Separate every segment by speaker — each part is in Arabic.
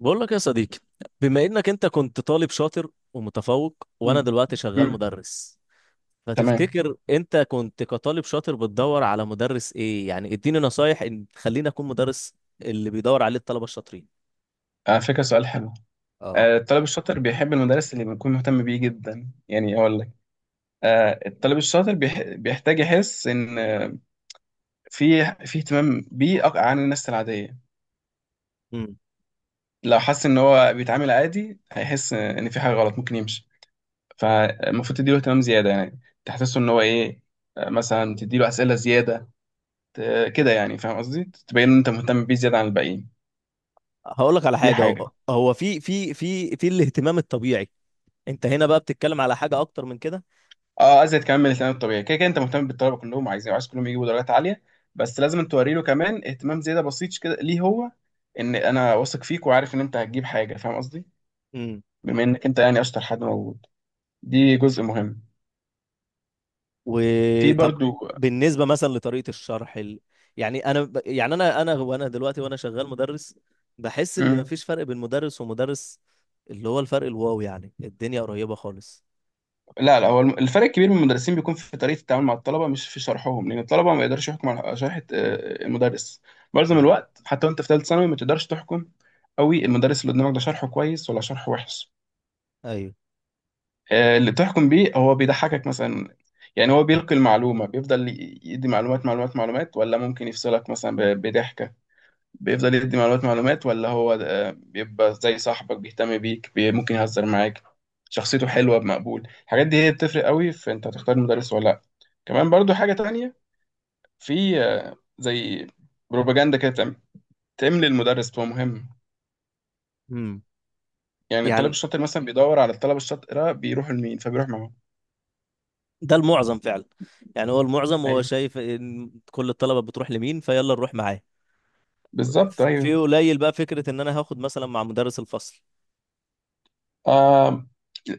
Speaker 1: بقول لك يا صديقي، بما انك انت كنت طالب شاطر ومتفوق وانا
Speaker 2: مم.
Speaker 1: دلوقتي شغال
Speaker 2: مم.
Speaker 1: مدرس،
Speaker 2: تمام.
Speaker 1: فتفتكر انت كنت كطالب شاطر بتدور على مدرس ايه؟ يعني اديني نصايح ان تخليني اكون مدرس اللي بيدور عليه الطلبة الشاطرين.
Speaker 2: على فكرة، سؤال حلو.
Speaker 1: اه.
Speaker 2: الطالب الشاطر بيحب المدرس اللي بيكون مهتم بيه جدا، يعني أقول لك. الطالب الشاطر بيحتاج يحس إن في اهتمام بيه عن الناس العادية.
Speaker 1: امم.
Speaker 2: لو حس إن هو بيتعامل عادي، هيحس إن في حاجة غلط، ممكن يمشي. فالمفروض تديله اهتمام زيادة، يعني تحسسه إن هو إيه. مثلا تديله أسئلة زيادة، كده، يعني فاهم قصدي، تبين إن أنت مهتم بيه زيادة عن الباقيين.
Speaker 1: هقول لك على
Speaker 2: دي
Speaker 1: حاجة.
Speaker 2: حاجة.
Speaker 1: هو هو في الاهتمام الطبيعي. انت هنا بقى بتتكلم على حاجة اكتر من كده.
Speaker 2: اه، ازيد كمان من الاهتمام الطبيعي. كده كده انت مهتم بالطلبه كلهم، عايزين، عايز كلهم يجيبوا درجات عاليه، بس لازم توري له كمان اهتمام زياده بسيط كده ليه هو. انا واثق فيك وعارف ان انت هتجيب حاجه، فاهم قصدي، بما انك انت يعني اشطر حد موجود. دي جزء مهم. في
Speaker 1: وطب،
Speaker 2: برضو.
Speaker 1: بالنسبه مثلا لطريقه الشرح يعني يعني انا وانا دلوقتي وانا شغال مدرس، بحس ان
Speaker 2: مم.
Speaker 1: مفيش فرق بين مدرس ومدرس، اللي هو الفرق الواو، يعني الدنيا قريبه خالص.
Speaker 2: لا لا، هو الفرق الكبير من المدرسين بيكون في طريقه التعامل مع الطلبه، مش في شرحهم، لان الطلبه ما يقدرش يحكم على شرح المدرس معظم
Speaker 1: امم.
Speaker 2: الوقت. حتى وانت في ثالث ثانوي، ما تقدرش تحكم قوي المدرس اللي قدامك ده شرحه كويس ولا شرحه وحش.
Speaker 1: ايوه.
Speaker 2: اللي تحكم بيه هو بيضحكك مثلا، يعني هو بيلقي المعلومة، بيفضل يدي معلومات معلومات معلومات، ولا ممكن يفصلك مثلا بضحكة. بيفضل يدي معلومات معلومات، ولا هو بيبقى زي صاحبك، بيهتم بيك، ممكن يهزر معاك، شخصيته حلوة بمقبول. الحاجات دي هي بتفرق قوي في انت هتختار المدرس ولا لا. كمان برضو حاجة تانية، في زي بروباجندا كده بتعمل، تعمل للمدرس، بتبقى مهم.
Speaker 1: امم.
Speaker 2: يعني الطالب
Speaker 1: يعني
Speaker 2: الشاطر مثلا بيدور على الطلبة الشاطرة بيروحوا لمين، فبيروح معاهم.
Speaker 1: ده المعظم فعلا، يعني هو المعظم هو
Speaker 2: ايوه،
Speaker 1: شايف ان كل الطلبه بتروح لمين فيلا نروح معاه.
Speaker 2: بالظبط،
Speaker 1: في
Speaker 2: ايوه.
Speaker 1: قليل بقى فكره ان انا هاخد مثلا مع مدرس الفصل.
Speaker 2: آه،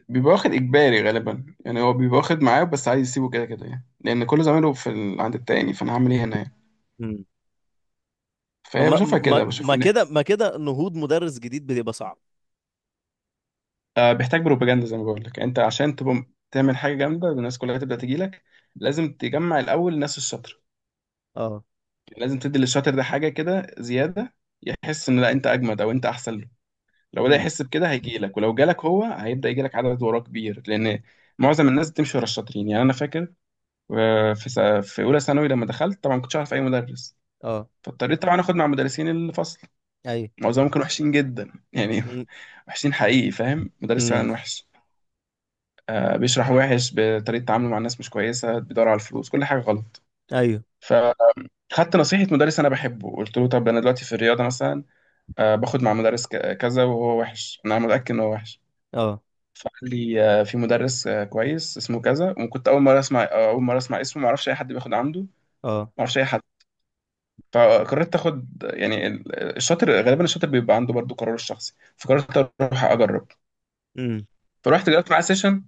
Speaker 2: بيبقى واخد إجباري غالبا، يعني هو بيبقى واخد معاه بس عايز يسيبه، كده كده يعني، لأن كل زمايله في ال... عند التاني، فأنا هعمل إيه هنا يعني؟
Speaker 1: امم.
Speaker 2: فهي
Speaker 1: ما
Speaker 2: بشوفها
Speaker 1: ما
Speaker 2: كده، بشوف
Speaker 1: ما
Speaker 2: إن.
Speaker 1: كده ما كده نهوض مدرس جديد بيبقى صعب.
Speaker 2: آه، بيحتاج بروباجندا زي ما بقول لك، أنت عشان تبقى تعمل حاجة جامدة، الناس كلها تبدأ تجي لك، لازم تجمع الأول الناس الشاطرة.
Speaker 1: اه.
Speaker 2: يعني لازم تدي للشاطر ده حاجة كده زيادة، يحس إن لا، أنت أجمد، أو أنت أحسن له. لو بدأ
Speaker 1: امم.
Speaker 2: يحس بكده، هيجي لك، ولو جالك هو، هيبدأ يجي لك عدد وراه كبير، لأن معظم الناس بتمشي ورا الشاطرين. يعني أنا فاكر وفي س- في اولى ثانوي لما دخلت، طبعا ما كنتش اعرف اي مدرس،
Speaker 1: اه.
Speaker 2: فاضطريت طبعا اخد مع مدرسين الفصل.
Speaker 1: ايوه.
Speaker 2: معظمهم كانوا وحشين جدا يعني.
Speaker 1: امم.
Speaker 2: وحشين حقيقي، فاهم، مدرس
Speaker 1: امم.
Speaker 2: فعلا وحش. آه، بيشرح وحش، بطريقه تعامله مع الناس مش كويسه، بيدور على الفلوس، كل حاجه غلط.
Speaker 1: ايوه.
Speaker 2: فخدت نصيحه مدرس انا بحبه. قلت له طب انا دلوقتي في الرياضه مثلا، آه باخد مع مدرس كذا، وهو وحش، انا متاكد ان هو وحش.
Speaker 1: اه.
Speaker 2: فقال لي آه، في مدرس آه كويس اسمه كذا. وكنت اول مره اسمع، اول مره اسمع اسمه، ما اعرفش اي حد بياخد عنده، ما
Speaker 1: اه.
Speaker 2: اعرفش اي حد. فقررت اخد، يعني الشاطر غالبا الشاطر بيبقى عنده برضو قراره الشخصي، فقررت اروح اجرب.
Speaker 1: امم.
Speaker 2: فروحت جربت معاه سيشن،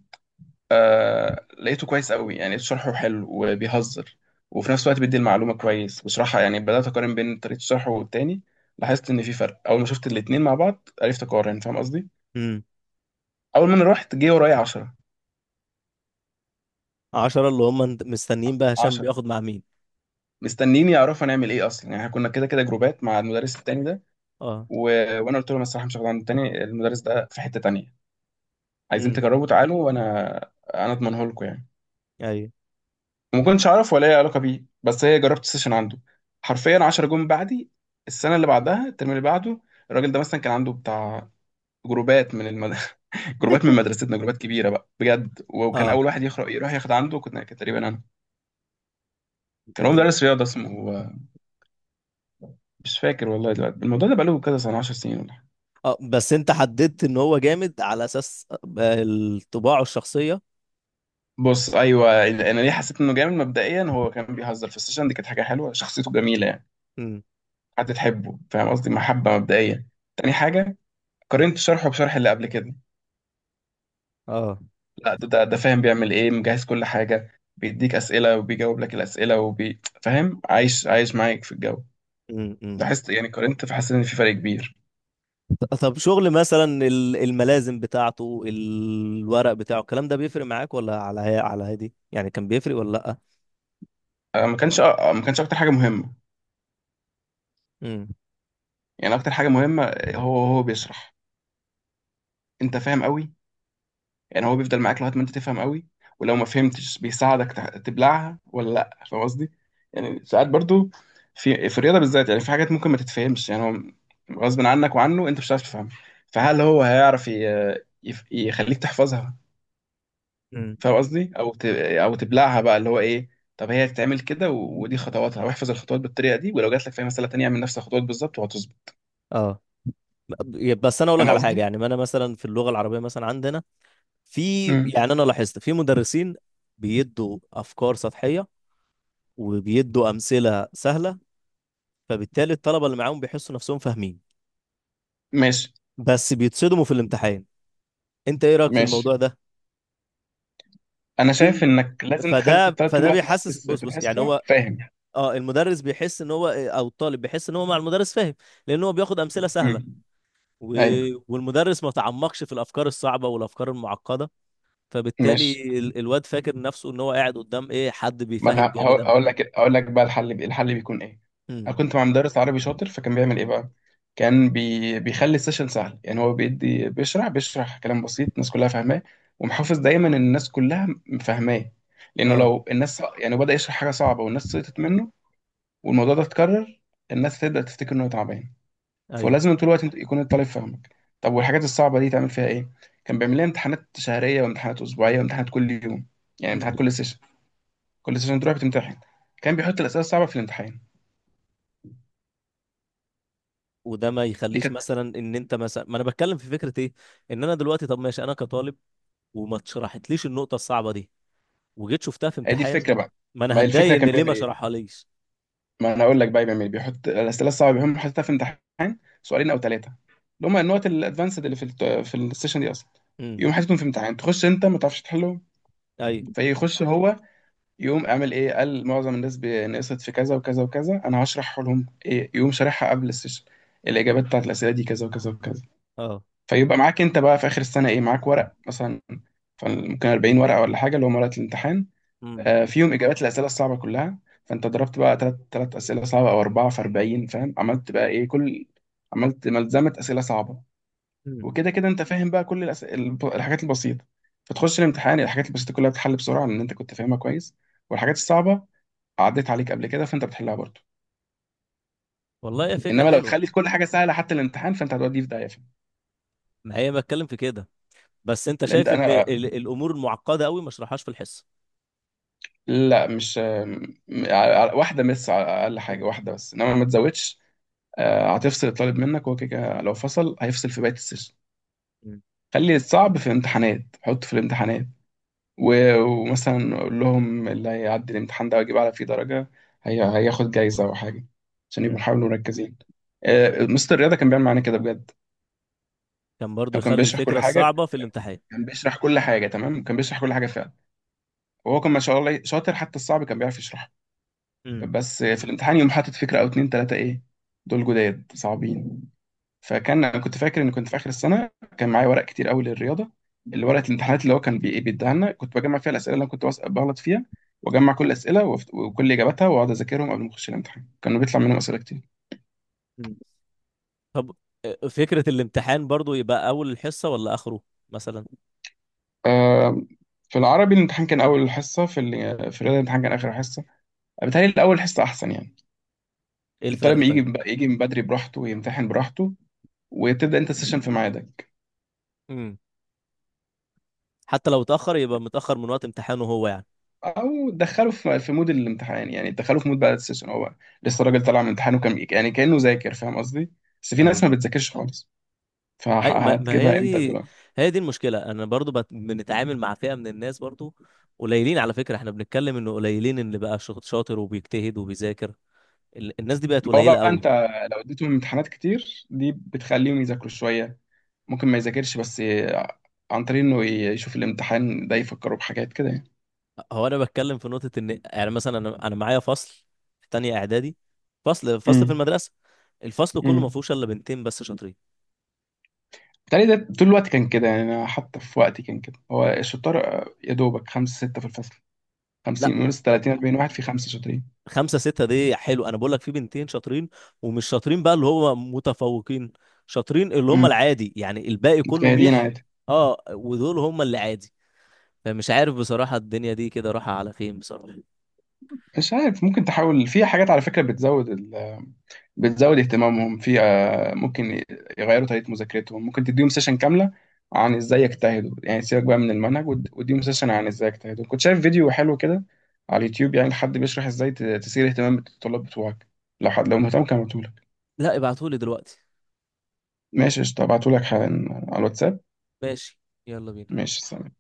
Speaker 2: آه لقيته كويس قوي، يعني لقيت شرحه حلو وبيهزر، وفي نفس الوقت بيدي المعلومه كويس وشرحها. يعني بدات اقارن بين طريقه شرحه والتاني، لاحظت ان في فرق. اول ما شفت الاتنين مع بعض، عرفت اقارن، فاهم قصدي.
Speaker 1: امم.
Speaker 2: اول ما انا رحت، جه ورايا 10.
Speaker 1: 10 اللي هم مستنيين بقى هشام
Speaker 2: 10
Speaker 1: بياخد مع مين؟
Speaker 2: مستنيين يعرفوا هنعمل ايه اصلا، يعني احنا كنا كده كده جروبات مع المدرس التاني ده.
Speaker 1: اه.
Speaker 2: و... وانا قلت لهم الصراحه مش هاخد عند التاني، المدرس ده في حته تانيه، عايزين
Speaker 1: امم.
Speaker 2: تجربوا تعالوا، انا اضمنه لكم يعني.
Speaker 1: ايوه.
Speaker 2: وما كنتش اعرف ولا اي علاقه بيه، بس هي جربت سيشن عنده. حرفيا 10 جون بعدي، السنه اللي بعدها، الترم اللي بعده. الراجل ده مثلا كان عنده بتاع جروبات من جروبات من مدرستنا، جروبات كبيره بقى بجد، وكان
Speaker 1: اه.
Speaker 2: اول واحد يخرج يروح ياخد عنده كنت، كان تقريبا انا. كان هو مدرس رياضه اسمه، مش فاكر والله دلوقتي، الموضوع ده بقاله كذا سنه، 10 سنين ولا حاجة.
Speaker 1: اه. بس انت حددت ان هو جامد على اساس الطباع والشخصية.
Speaker 2: بص، ايوه، انا ليه حسيت انه جامد مبدئيا؟ هو كان بيهزر في السيشن دي، كانت حاجه حلوه، شخصيته جميله يعني،
Speaker 1: امم.
Speaker 2: هتتحبه، فاهم قصدي، محبة مبدئية. تاني حاجة، قارنت شرحه بشرح اللي قبل كده،
Speaker 1: اه.
Speaker 2: لا، ده ده فاهم بيعمل ايه، مجهز كل حاجة، بيديك أسئلة وبيجاوب لك الأسئلة، فاهم، عايش عايش معاك في الجو.
Speaker 1: امم. امم.
Speaker 2: لاحظت، يعني قارنت، فحسيت إن في فرق كبير.
Speaker 1: طب شغل مثلا الملازم بتاعته، الورق بتاعه، الكلام ده بيفرق معاك ولا على هي على هادي؟ يعني كان بيفرق ولا لأ؟
Speaker 2: ما كانش، ما كانش أكتر حاجة مهمة،
Speaker 1: امم.
Speaker 2: يعني أكتر حاجة مهمة، هو بيشرح، أنت فاهم قوي. يعني هو بيفضل معاك لغايه ما انت تفهم قوي، ولو ما فهمتش بيساعدك تبلعها ولا لا، فاهم قصدي. يعني ساعات برضو في الرياضه بالذات، يعني في حاجات ممكن ما تتفهمش، يعني هو غصب عنك وعنه انت مش هتعرف تفهمها. فهل هو هيعرف يخليك تحفظها،
Speaker 1: امم.
Speaker 2: فاهم قصدي، او تبلعها بقى، اللي هو ايه، طب هي تتعمل كده، ودي خطواتها، واحفظ الخطوات بالطريقه دي، ولو جات لك في مساله تانية، اعمل نفس الخطوات بالظبط وهتظبط،
Speaker 1: اه. بس انا اقول لك
Speaker 2: فاهم
Speaker 1: على حاجة،
Speaker 2: قصدي.
Speaker 1: يعني ما انا مثلا في اللغة العربية مثلا عندنا في،
Speaker 2: امم،
Speaker 1: يعني انا لاحظت في مدرسين بيدوا افكار سطحيه وبيدوا امثله سهله، فبالتالي الطلبه اللي معاهم بيحسوا نفسهم فاهمين
Speaker 2: ماشي.
Speaker 1: بس بيتصدموا في الامتحان. انت ايه رايك في
Speaker 2: ماشي،
Speaker 1: الموضوع ده؟
Speaker 2: انا
Speaker 1: وفي،
Speaker 2: شايف انك لازم تخلي
Speaker 1: فده
Speaker 2: الطالب طول
Speaker 1: فده
Speaker 2: الوقت معاك في
Speaker 1: بيحسس، بص
Speaker 2: في
Speaker 1: بص، يعني
Speaker 2: الحصه،
Speaker 1: هو
Speaker 2: فاهم.
Speaker 1: اه، المدرس بيحس ان هو او الطالب بيحس ان هو مع المدرس فاهم. لان هو بياخد امثله
Speaker 2: امم.
Speaker 1: سهله و...
Speaker 2: ايوه.
Speaker 1: والمدرس ما تعمقش في الافكار الصعبه والافكار المعقده.
Speaker 2: ماشي.
Speaker 1: فبالتالي الواد فاكر نفسه ان هو قاعد قدام ايه، حد
Speaker 2: ما
Speaker 1: بيفهم
Speaker 2: انا
Speaker 1: جامد
Speaker 2: هقول
Speaker 1: قوي.
Speaker 2: هقول لك هقول لك بقى الحل الحل بيكون ايه.
Speaker 1: امم.
Speaker 2: انا كنت مع مدرس عربي شاطر، فكان بيعمل ايه بقى؟ كان بيخلي السيشن سهل، يعني هو بيدي، بيشرح كلام بسيط الناس كلها فاهماه، ومحافظ دايما ان الناس كلها فاهماه، لانه
Speaker 1: اه.
Speaker 2: لو الناس، يعني بدأ يشرح حاجه صعبه والناس سقطت منه، والموضوع ده اتكرر، الناس تبدأ تفتكر انه تعبان.
Speaker 1: ايوه.
Speaker 2: فلازم طول الوقت يكون الطالب فاهمك. طب والحاجات الصعبه دي تعمل فيها ايه؟ كان بيعمل لنا امتحانات شهريه، وامتحانات اسبوعيه، وامتحانات كل يوم، يعني
Speaker 1: مم.
Speaker 2: امتحانات كل سيشن، كل سنه تروح بتمتحن. كان بيحط الاسئله الصعبه في الامتحان.
Speaker 1: وده ما
Speaker 2: دي
Speaker 1: يخليش
Speaker 2: كانت،
Speaker 1: مثلا ان انت مثلا، ما انا بتكلم في فكره ايه، ان انا دلوقتي، طب ماشي، انا كطالب وما اتشرحتليش النقطه الصعبه دي وجيت شفتها في
Speaker 2: هي دي
Speaker 1: امتحان،
Speaker 2: الفكره بقى.
Speaker 1: ما
Speaker 2: ما
Speaker 1: انا
Speaker 2: هي الفكره
Speaker 1: هتضايق ان
Speaker 2: كان
Speaker 1: ليه
Speaker 2: بيعمل
Speaker 1: ما
Speaker 2: ايه؟
Speaker 1: شرحها ليش.
Speaker 2: ما انا اقول لك بقى بيعمل ايه. بيحط الاسئله الصعبه بيهم، حاططها في امتحان، سؤالين او ثلاثه، اللي هم النقط الادفانسد اللي في في السيشن دي اصلا.
Speaker 1: امم.
Speaker 2: يقوم حاططهم في امتحان، تخش انت ما تعرفش تحله،
Speaker 1: ايوه.
Speaker 2: فيخش هو، يقوم عامل ايه، قال معظم الناس نقصت في كذا وكذا وكذا، انا هشرح لهم ايه، يقوم شارحها قبل السيشن. الاجابات بتاعت الاسئله دي كذا وكذا وكذا.
Speaker 1: اه.
Speaker 2: فيبقى معاك انت بقى في اخر السنه ايه؟ معاك ورق مثلا، ممكن 40 ورقه ولا حاجه، اللي هم ورقه الامتحان،
Speaker 1: امم.
Speaker 2: آه، فيهم اجابات الاسئله الصعبه كلها. فانت ضربت بقى ثلاث اسئله صعبه او اربعه في 40، فاهم، عملت بقى ايه، كل، عملت ملزمه اسئله صعبه.
Speaker 1: امم.
Speaker 2: وكده كده انت فاهم بقى كل الحاجات البسيطه. فتخش الامتحان، الحاجات البسيطه كلها بتتحل بسرعه، لان انت كنت فاهمها كويس. والحاجات الصعبه عديت عليك قبل كده، فانت بتحلها برضه.
Speaker 1: والله هي فكره
Speaker 2: انما لو
Speaker 1: حلوه.
Speaker 2: تخلي كل حاجه سهله حتى الامتحان، فانت هتوديه في داهيه، فاهم؟
Speaker 1: ما هي بتكلم في كده. بس انت
Speaker 2: لان انت
Speaker 1: شايف ان
Speaker 2: انا،
Speaker 1: الامور المعقده قوي ما اشرحهاش في الحصه؟
Speaker 2: لا مش ع- واحدة مس على أقل حاجة، واحدة بس، إنما ما تزودش. هتفصل الطالب منك، هو كده كده لو فصل هيفصل في بقية السيشن.
Speaker 1: مم.
Speaker 2: خلي الصعب في الامتحانات، حطه في الامتحانات. ومثلا قول لهم اللي هيعدي الامتحان ده ويجيب على فيه درجة، هي هياخد جايزة أو حاجة، عشان يبقوا
Speaker 1: مم.
Speaker 2: يحاولوا مركزين. مستر الرياضة كان بيعمل معانا كده بجد.
Speaker 1: كان برضو
Speaker 2: هو كان
Speaker 1: يخلي
Speaker 2: بيشرح
Speaker 1: الفكره
Speaker 2: كل حاجة،
Speaker 1: الصعبه في الامتحان؟
Speaker 2: كان بيشرح كل حاجة تمام، كان بيشرح كل حاجة فعلا. وهو كان ما شاء الله شاطر، حتى الصعب كان بيعرف يشرحه.
Speaker 1: مم.
Speaker 2: بس في الامتحان يوم، حاطط فكرة أو اتنين تلاتة، إيه، دول جداد صعبين. فكان، أنا كنت فاكر إن كنت في آخر السنة، كان معايا ورق كتير أوي للرياضة، اللي ورقة الامتحانات اللي هو كان بي- إيه بيديها لنا، كنت بجمع فيها الأسئلة اللي أنا كنت بغلط فيها، وأجمع كل الأسئلة وكل إجاباتها، وأقعد أذاكرهم قبل ما أخش الامتحان، كانوا بيطلع منهم أسئلة كتير.
Speaker 1: مم. طب، فكره الامتحان برضو يبقى اول الحصه ولا اخره مثلا؟
Speaker 2: آه، في العربي الامتحان كان أول حصة، في في الرياضة الامتحان كان آخر حصة. بيتهيألي الأول حصة أحسن، يعني
Speaker 1: ايه
Speaker 2: الطالب
Speaker 1: الفرق
Speaker 2: يجي
Speaker 1: طيب؟
Speaker 2: من يجي من بدري براحته ويمتحن براحته، وتبدأ أنت السيشن في ميعادك.
Speaker 1: امم. حتى لو اتأخر يبقى متأخر من وقت امتحانه هو، يعني.
Speaker 2: او دخله في في مود الامتحان، يعني دخله في مود بقى السيشن، هو لسه الراجل طالع من امتحانه، كان يعني كانه ذاكر، فاهم قصدي. بس في
Speaker 1: ايوه.
Speaker 2: ناس ما بتذاكرش خالص،
Speaker 1: اي، ما ما هي
Speaker 2: فهتجيبها امتى دي
Speaker 1: دي
Speaker 2: بقى؟
Speaker 1: هي دي المشكلة، انا برضو بنتعامل مع فئة من الناس برضو، قليلين، على فكرة احنا بنتكلم انه قليلين، اللي بقى شاطر وبيجتهد وبيذاكر. الناس دي بقت
Speaker 2: ما هو
Speaker 1: قليلة
Speaker 2: بقى
Speaker 1: قوي.
Speaker 2: انت لو اديتهم امتحانات كتير، دي بتخليهم يذاكروا شويه، ممكن ما يذاكرش بس عن طريق انه يشوف الامتحان ده، يفكروا بحاجات كده يعني.
Speaker 1: هو انا بتكلم في نقطة ان، يعني مثلا، انا معايا فصل في تانية اعدادي، فصل في
Speaker 2: امم،
Speaker 1: المدرسة. الفصل كله ما
Speaker 2: امم،
Speaker 1: فيهوش الا بنتين بس شاطرين.
Speaker 2: بالتالي ده طول الوقت كان كده، يعني انا حتى في وقتي كان كده. هو الشطار، يا دوبك خمسة ستة في الفصل،
Speaker 1: لا،
Speaker 2: 50 من 30، 40 واحد في خمسة شاطرين.
Speaker 1: خمسة ستة دي حلو، أنا بقول لك في بنتين شاطرين ومش شاطرين بقى اللي هو متفوقين، شاطرين اللي هم
Speaker 2: امم.
Speaker 1: العادي، يعني الباقي كله
Speaker 2: مجتهدين
Speaker 1: ميح.
Speaker 2: عادي.
Speaker 1: اه، ودول هم اللي عادي. فمش عارف بصراحة الدنيا دي كده رايحة على فين، بصراحة.
Speaker 2: مش عارف، ممكن تحاول في حاجات على فكرة بتزود ال... بتزود اهتمامهم في، ممكن يغيروا طريقة مذاكرتهم، ممكن تديهم سيشن كاملة عن ازاي يجتهدوا، يعني سيبك بقى من المنهج، واديهم سيشن عن ازاي يجتهدوا. كنت شايف فيديو حلو كده على اليوتيوب، يعني حد بيشرح ازاي تثير اهتمام الطلاب بتوعك. لو حد، لو مهتم، كان ابعتهولك.
Speaker 1: لا، ابعتولي دلوقتي.
Speaker 2: ماشي، قشطة، هبعتهولك حالا على الواتساب.
Speaker 1: ماشي، يلا بينا.
Speaker 2: ماشي، سلام.